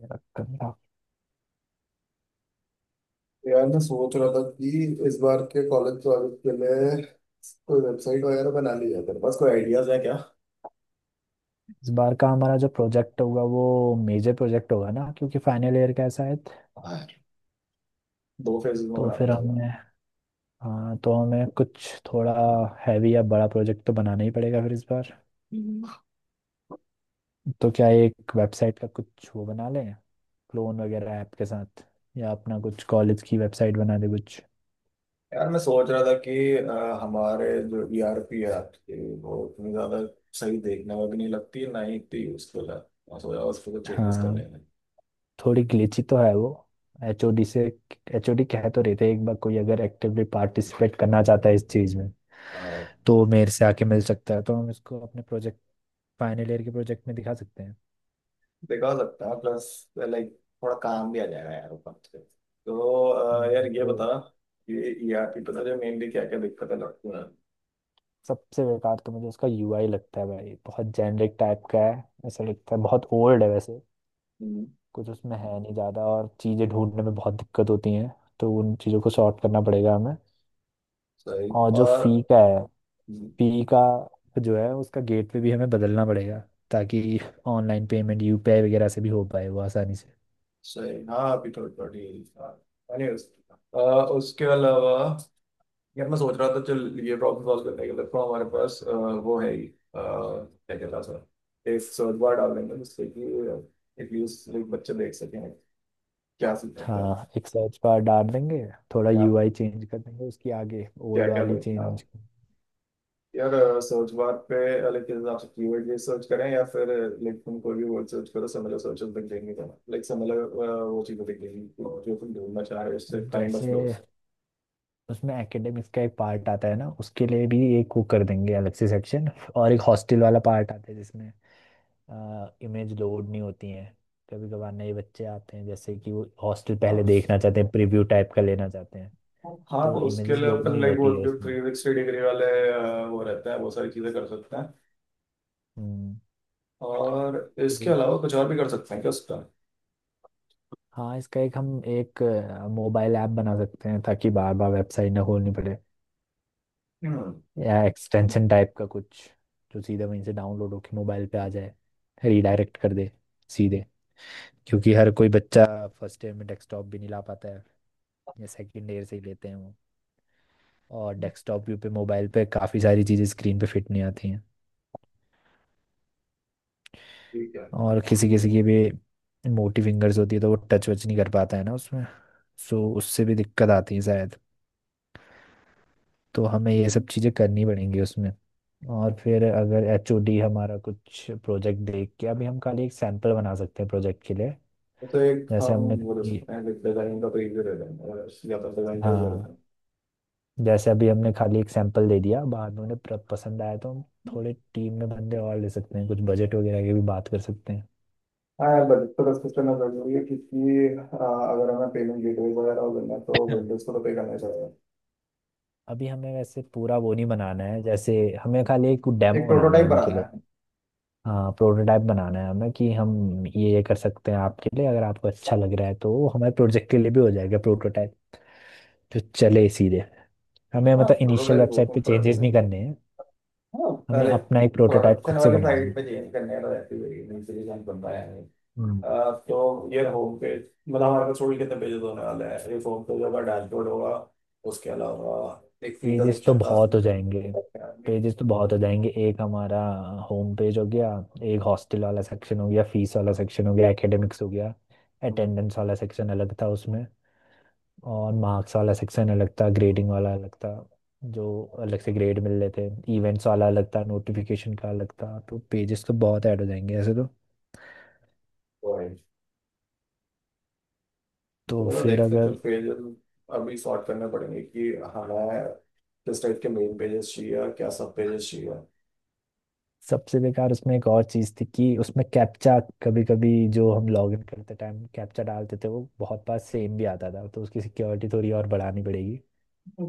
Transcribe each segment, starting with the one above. करूंगा। यार मैं सोच रहा था कि इस बार के कॉलेज प्रोजेक्ट के लिए कोई वेबसाइट वगैरह बना ली है तेरे पास? कोई आइडियाज है क्या? इस बार का हमारा जो प्रोजेक्ट होगा वो मेजर प्रोजेक्ट होगा ना, क्योंकि फाइनल ईयर का है शायद। हाँ यार, दो फेज में तो बनाना फिर पड़ेगा। हमें, हाँ तो हमें कुछ थोड़ा हैवी या बड़ा प्रोजेक्ट तो बनाना ही पड़ेगा फिर इस बार। तो क्या एक वेबसाइट का कुछ वो बना लें, क्लोन वगैरह ऐप के साथ, या अपना कुछ कॉलेज की वेबसाइट बना दे कुछ। यार मैं सोच रहा था कि हमारे जो ईआरपी है आपकी, वो इतनी ज्यादा सही देखने में भी नहीं लगती है, ना ही इतनी यूजफुल है। मैं सोचा उस पर कुछ चेंजेस कर हाँ, लेंगे। थोड़ी ग्लिची तो है वो। एचओडी से, एचओडी कह तो रहे थे एक बार कोई अगर एक्टिवली पार्टिसिपेट करना चाहता है इस चीज़ में अ, तो मेरे से आके मिल सकता है, तो हम इसको अपने प्रोजेक्ट, फाइनल ईयर के प्रोजेक्ट में दिखा सकते हैं। देखा जा सकता है, प्लस लाइक थोड़ा काम भी आ जाएगा यार ऊपर से। तो यार हम्म, ये तो बता कि ईआरपी पे तुझे मेनली क्या क्या दिक्कतें लगती हैं? सबसे बेकार तो मुझे उसका यूआई लगता है भाई, बहुत जेनरिक टाइप का है, ऐसा लगता है बहुत ओल्ड है वैसे। हम्म। कुछ उसमें है नहीं ज़्यादा, और चीज़ें ढूंढने में बहुत दिक्कत होती हैं। तो उन चीज़ों को सॉर्ट करना पड़ेगा हमें। सही। और जो और। फी का है, फी का जो है उसका गेटवे भी हमें बदलना पड़ेगा, ताकि ऑनलाइन पेमेंट यूपीआई वगैरह से भी हो पाए वो आसानी से। सही। हाँ, अभी तो थर्टी, एनीवेज। उसके अलावा यार मैं सोच रहा था, चल ये प्रॉब्लम सॉल्व करने के लिए तो हमारे पास वो है ही। क्या कहता है सर, एक सर्च बार डाल देंगे जिससे कि एटलीस्ट बच्चे देख सकें क्या सीख सकता है? हाँ, एक सर्च बार डाल देंगे, थोड़ा क्या? यूआई चेंज कर देंगे उसकी, आगे क्या ओल्ड क्या वाली देखना है चेंज। यार सर्च बार पे? लाइक किस हिसाब से कीवर्ड ये सर्च करें, या फिर लाइक तुम कोई भी वर्ड सर्च करो सिमिलर सर्चेस दिख जाएंगे, लाइक सिमिलर वो चीज़ें दिख जाएंगी जो तुम ढूंढना चाह रहे हो उससे काइंड ऑफ जैसे क्लोज। उसमें एकेडमिक्स का एक पार्ट आता है ना, उसके लिए भी एक वो कर देंगे अलग से सेक्शन। और एक हॉस्टल वाला पार्ट आता है जिसमें इमेज लोड नहीं होती है। कभी कभार नए बच्चे आते हैं जैसे कि वो हॉस्टल पहले हाँ। देखना चाहते हैं, प्रीव्यू टाइप का लेना चाहते हैं। हाँ तो तो उसके इमेजेस लिए लोड अपन नहीं लाइक वो होती है जो उसमें। थ्री सिक्सटी डिग्री वाले वो रहते हैं, वो सारी चीजें कर सकते हैं। हम्म और इसके तो अलावा कुछ और भी कर सकते हैं क्या उसका? हाँ, इसका एक हम एक मोबाइल ऐप बना सकते हैं, ताकि बार बार वेबसाइट ना खोलनी पड़े। हम्म। या एक्सटेंशन टाइप का कुछ, जो सीधा वहीं से डाउनलोड होके मोबाइल पे आ जाए, रीडायरेक्ट कर दे सीधे। क्योंकि हर कोई बच्चा फर्स्ट ईयर में डेस्कटॉप भी नहीं ला पाता है, या सेकंड ईयर से ही लेते हैं वो। और डेस्कटॉप भी पे मोबाइल पे काफ़ी सारी चीज़ें स्क्रीन पे फिट नहीं आती हैं। ठीक है। और किसी किसी की भी मोटी फिंगर्स होती है, तो वो टच वच नहीं कर पाता है ना उसमें। सो उससे भी दिक्कत आती है शायद। तो हमें ये सब चीज़ें करनी पड़ेंगी उसमें। और फिर अगर एचओडी हमारा कुछ प्रोजेक्ट देख के, अभी हम खाली एक सैंपल बना सकते हैं प्रोजेक्ट के लिए। तो एक जैसे हम हमने वो दे कभी- सकते हैं, एक डिजाइन का प्रीव्यू दे देंगे, अगर या तो डिजाइन का भी दे हाँ, देंगे। जैसे अभी हमने खाली एक सैंपल दे दिया, बाद में उन्हें पसंद आया तो हम थोड़े टीम में बंदे और ले सकते हैं, कुछ बजट वगैरह की भी बात कर सकते हैं। हाँ यार, बजट तो डिस्कस करना जरूरी है, क्योंकि अगर हमें पेमेंट गेटवे वगैरह हो करना है तो वेंडर्स को तो पे करना ही पड़ेगा। अभी हमें वैसे पूरा वो नहीं बनाना है, जैसे हमें खाली एक एक डेमो बनाना है प्रोटोटाइप उनके बनाना लिए। है। हाँ, प्रोटोटाइप बनाना है हमें, कि हम ये कर सकते हैं आपके लिए, अगर आपको अच्छा लग रहा है तो वो हमारे प्रोजेक्ट के लिए भी हो जाएगा प्रोटोटाइप, जो चले सीधे। हमें हाँ मतलब इनिशियल प्रोटोटाइप बोलते वेबसाइट पे हैं चेंजेस नहीं prototype। करने हैं, हाँ हमें लाइक अपना एक प्रोटोटाइप प्रोडक्शन खुद से वाली बनाना साइड पे चेंज करने का रहती है नहीं, से डिजाइन बन रहा है। है। तो ये होम पेज, मतलब हमारे पास थोड़ी कितने पेजेस होने वाले हैं? एक होम पेज होगा, डैशबोर्ड होगा। उसके अलावा एक फी का पेजेस तो सेक्शन था। बहुत हो जाएंगे, पेजेस तो बहुत हो जाएंगे। एक हमारा होम पेज हो गया, एक हॉस्टल वाला सेक्शन हो गया, फीस वाला सेक्शन हो गया, एकेडमिक्स हो गया, हम्म। अटेंडेंस वाला सेक्शन अलग था उसमें, और मार्क्स वाला सेक्शन अलग था, ग्रेडिंग वाला अलग था, जो अलग से ग्रेड मिल रहे थे, इवेंट्स वाला अलग था, नोटिफिकेशन का अलग था। तो पेजेस तो बहुत ऐड हो जाएंगे ऐसे तो। तो है। तो तो फिर देखते हैं, अगर जब पेजेस अभी सॉर्ट करने पड़ेंगे कि हमें किस टाइप के मेन पेजेस चाहिए, क्या सब पेजेस चाहिए। सबसे बेकार उसमें एक और चीज थी कि उसमें कैप्चा, कभी कभी जो हम लॉग इन करते टाइम कैप्चा डालते थे वो बहुत बार सेम भी आता था, तो उसकी सिक्योरिटी थोड़ी और बढ़ानी पड़ेगी।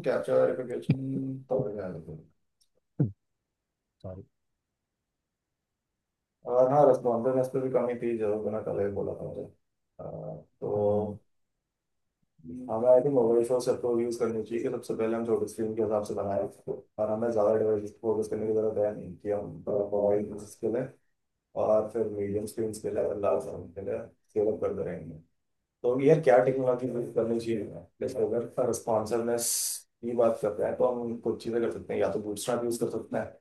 कैप्चर वेरिफिकेशन तो हो जाएगा। सॉरी। और हाँ, रेस्पॉन्सिवनेस पे भी कमी थी जरूर, बिना कल ही बोला था मुझे। हम्म। तो हमें I think over resource approach use करनी चाहिए कि सबसे पहले हम छोटे स्क्रीन के हिसाब से बनाए, और हमें ज़्यादा डिवाइस फोकस करने की जरूरत है नहीं, कि हम मोबाइल हाँ। यूज के लिए, और फिर मीडियम स्क्रीन के लिए, लार्ज स्क्रीन के लिए स्केल अप करते रहेंगे। तो यार क्या टेक्नोलॉजी यूज करनी चाहिए? जैसे अगर रिस्पॉन्सिवनेस की बात करते हैं तो हम कुछ चीज़ें कर सकते हैं, या तो बूटस्ट्रैप यूज कर सकते हैं,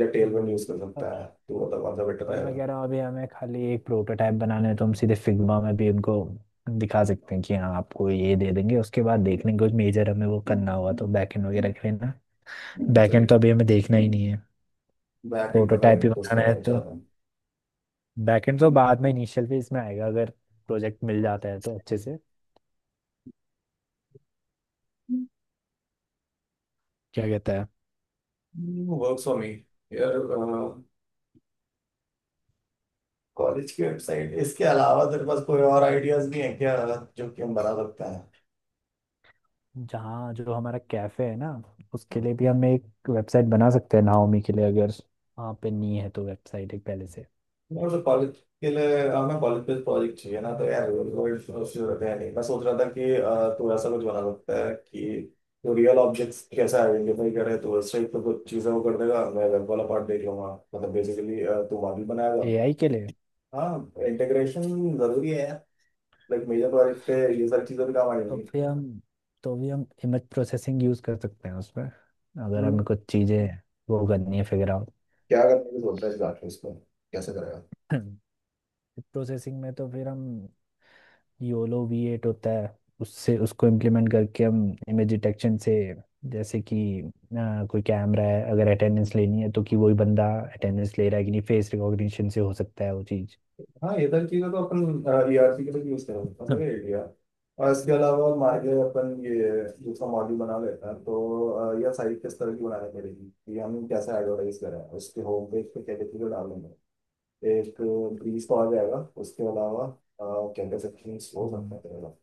या टेलविंड हम्म यूज कर पर सकता है, तो वो तो कौन सा बेटर पर मैं रहेगा? कह रहा हूँ अभी हमें खाली एक प्रोटोटाइप बनाना है, तो हम सीधे फिग्मा में भी उनको दिखा सकते हैं कि हाँ आपको ये दे देंगे, उसके बाद देख लेंगे कुछ मेजर हमें वो करना हुआ तो बैकएंड वगैरह के लिए ना। सही। बैकएंड तो अभी हमें देखना ही नहीं है, बैक एंड का प्रोटोटाइप टाइम ही बनाना है उसका तो। चाहता हूँ। बैकएंड तो बाद में इनिशियल फेज में आएगा, अगर प्रोजेक्ट मिल जाता है तो अच्छे से। क्या कहता है। Work for me. यार कॉलेज की वेबसाइट इसके अलावा तेरे पास कोई और आइडियाज भी हैं क्या जो कि हम बना सकते हैं? जहाँ जो हमारा कैफे है ना, उसके लिए भी हम एक वेबसाइट बना सकते हैं नाओमी के लिए, अगर वहाँ पे नहीं है तो वेबसाइट एक पहले से। और तो कॉलेज के लिए हमें कॉलेज पे प्रोजेक्ट चाहिए ना, तो यार कोई जरूरत है नहीं। मैं सोच रहा था कि तू ऐसा कुछ बना सकता है कि जो रियल ऑब्जेक्ट्स कैसे आइडेंटिफाई करे, तो उस टाइप तो कुछ चीज़ें वो कर देगा, मैं वेब वाला पार्ट देख लूंगा। मतलब बेसिकली तू मॉडल बनाएगा। एआई के लिए। हाँ, इंटीग्रेशन जरूरी है यार। लाइक मेजर प्रोजेक्ट पे ये सारी चीज़ें भी काम आ तो जाएंगी। फिर हम, तो भी हम इमेज प्रोसेसिंग यूज़ कर सकते हैं उसमें, अगर हम्म। हमें कुछ चीज़ें वो करनी है फिगर आउट। क्या करने की सोच रहा है इस बात पे? इसको कैसे करेगा? प्रोसेसिंग में तो फिर हम, योलो V8 होता है, उससे उसको इम्प्लीमेंट करके हम इमेज डिटेक्शन से, जैसे कि कोई कैमरा है अगर अटेंडेंस लेनी है तो कि वही बंदा अटेंडेंस ले रहा है कि नहीं, फेस रिकॉग्निशन से हो सकता है वो चीज़। हाँ ये सारी चीजें तो अपन ईआरसी के लिए यूज कर सकते हैं सब एरिया। और इसके अलावा और मार्गे अपन ये दूसरा मॉड्यूल बना लेते हैं तो यह साइट किस तरह की बनानी पड़ेगी कि हम कैसे एडवर्टाइज करें? उसके होम पेज पे क्या क्या चीजें डालेंगे? एक ब्रीज तो आ जाएगा। उसके अलावा क्या क्या सेक्शंस हो सकते हैं तेरे पास?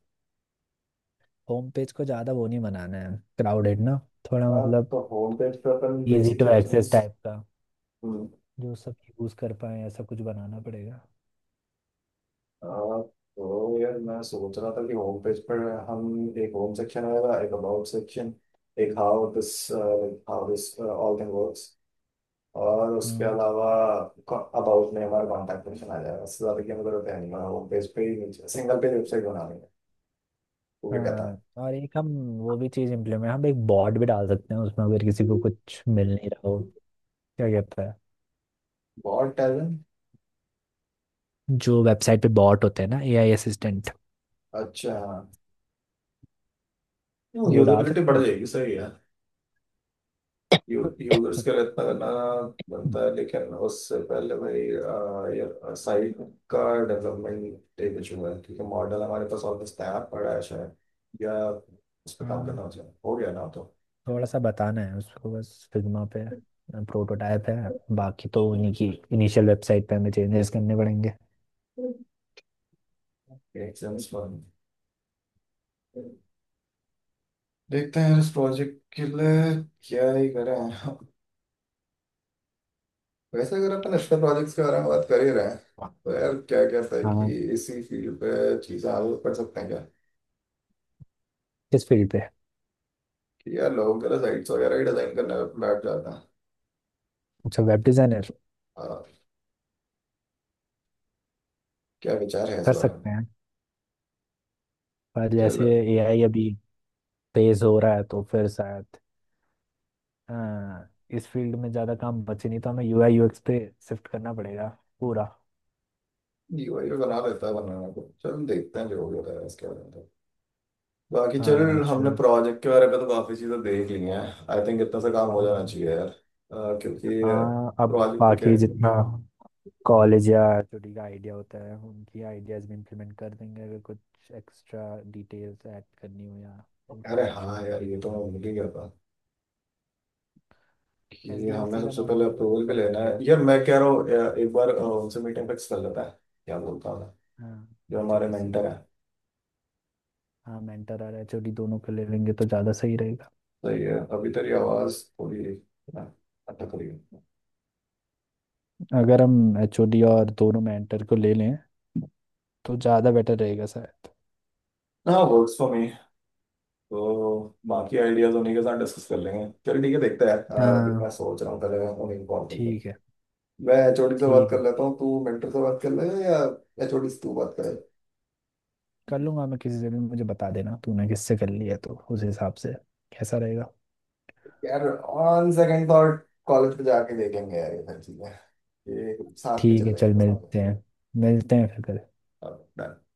होम पेज को ज़्यादा वो नहीं बनाना है, क्राउडेड ना थोड़ा अ, मतलब, तो होम पेज पे अपन easy basic to access sections. Type का, जो सब यूज़ कर पाए ऐसा कुछ बनाना पड़ेगा। हाँ तो यार मैं सोच रहा था कि होम पेज पर हम एक होम सेक्शन आएगा, एक अबाउट सेक्शन, एक how this, how this all thing works, और उसके हम्म। अलावा अबाउट में हमारा कॉन्टैक्ट सेक्शन आ जाएगा। उससे ज्यादा की हमें जरूरत है नहीं। हमारा होम पेज पे ही सिंगल पेज वेबसाइट बना लेंगे, वो क्या कहता हाँ, और एक हम वो भी चीज़ इम्प्लीमेंट, हम एक बॉट भी डाल सकते हैं उसमें, अगर किसी को है? कुछ मिल नहीं रहा हो। क्या कहता है। बहुत टैलेंट। जो वेबसाइट पे बॉट होते हैं ना, एआई असिस्टेंट, अच्छा, हाँ। वो डाल यूजेबिलिटी सकते बढ़ हैं। जाएगी, सही है। यूजर्स के लिए इतना गाना बनता है, लेकिन उससे पहले भाई साइट का डेवलपमेंट एक इशू है, क्योंकि मॉडल हमारे पास ऑलमोस्ट तैयार पड़ा है शायद, या उस पर काम हाँ, करना हो जाए, हो गया ना तो। थोड़ा सा बताना है उसको बस फिग्मा पे, प्रोटोटाइप है। बाकी तो उन्हीं की इनिशियल वेबसाइट पे हमें चेंजेस करने पड़ेंगे। एक सेंस बन, देखते हैं इस प्रोजेक्ट के लिए क्या ही करें। वैसे अगर अपन एक्स्ट्रा प्रोजेक्ट्स के बारे में बात कर ही रहे हैं तो यार क्या कहता है कि हाँ। इसी फील्ड पे चीज़ें आगे बढ़ सकते हैं क्या? किस फील्ड पे। कि यार लोगों के लिए साइट्स वगैरह ही डिजाइन करने में बैठ जाता अच्छा, वेब डिजाइनर। है। क्या विचार है इस कर बारे में? सकते हैं, पर चलो जैसे एआई अभी तेज हो रहा है तो फिर शायद, हाँ, इस फील्ड में ज़्यादा काम बचे नहीं तो हमें यूआई यूएक्स पे शिफ्ट करना पड़ेगा पूरा। जीवाई बना लेता है, बनाना। तो चल, देखते हैं जो भी होता है इसके बारे में तो। बाकी चल, हाँ हमने चल। प्रोजेक्ट के बारे में तो काफी चीजें देख ली हैं। आई थिंक इतना सा काम हो जाना हम्म, चाहिए यार, क्योंकि हाँ, अब प्रोजेक्ट क्या। बाकी जितना कॉलेज या छोटी का आइडिया होता है उनकी आइडियाज भी इम्प्लीमेंट कर देंगे, अगर कुछ एक्स्ट्रा डिटेल्स ऐड करनी हो या अरे इंफॉर्मेशन हाँ यार, उनके। ये तो मैं भूल ही गया था कि हमें एसडीएलसी का सबसे मॉडल पहले एक बार वो अप्रूवल भी कर लेना लेंगे है। हम। यार मैं कह रहा हूँ एक बार उनसे मीटिंग फिक्स कर लेता है, क्या बोलता हूँ मैं, हाँ। जो हमारे एचओडी से। मेंटर है। हाँ, मेंटर और एचओडी दोनों को ले लेंगे तो ज़्यादा सही रहेगा। सही है, अभी तेरी आवाज थोड़ी अटक रही है। अगर हम एचओडी और दोनों मेंटर को ले लें तो ज़्यादा बेटर रहेगा शायद। हाँ वर्क्स फॉर मी। तो बाकी आइडियाज उन्हीं के साथ डिस्कस कर लेंगे। चल ठीक है, देखते हैं। अभी हाँ, मैं सोच रहा हूँ पहले मैं उन्हें कॉल करूँ। ठीक है। मैं एचओडी से बात ठीक कर है, लेता हूँ, तू मेंटर से बात कर ले, या एचओडी से तू बात करे। कर लूंगा मैं किसी से भी। मुझे बता देना तूने किससे कर लिया तो उस हिसाब से कैसा रहेगा। यार ऑन सेकंड थॉट, कॉलेज पे जाके देखेंगे यार ये सारी चीजें। ये साथ पे ठीक है चलेंगे चल, मिलते हैं। मिलते हैं फिर कल। दोनों।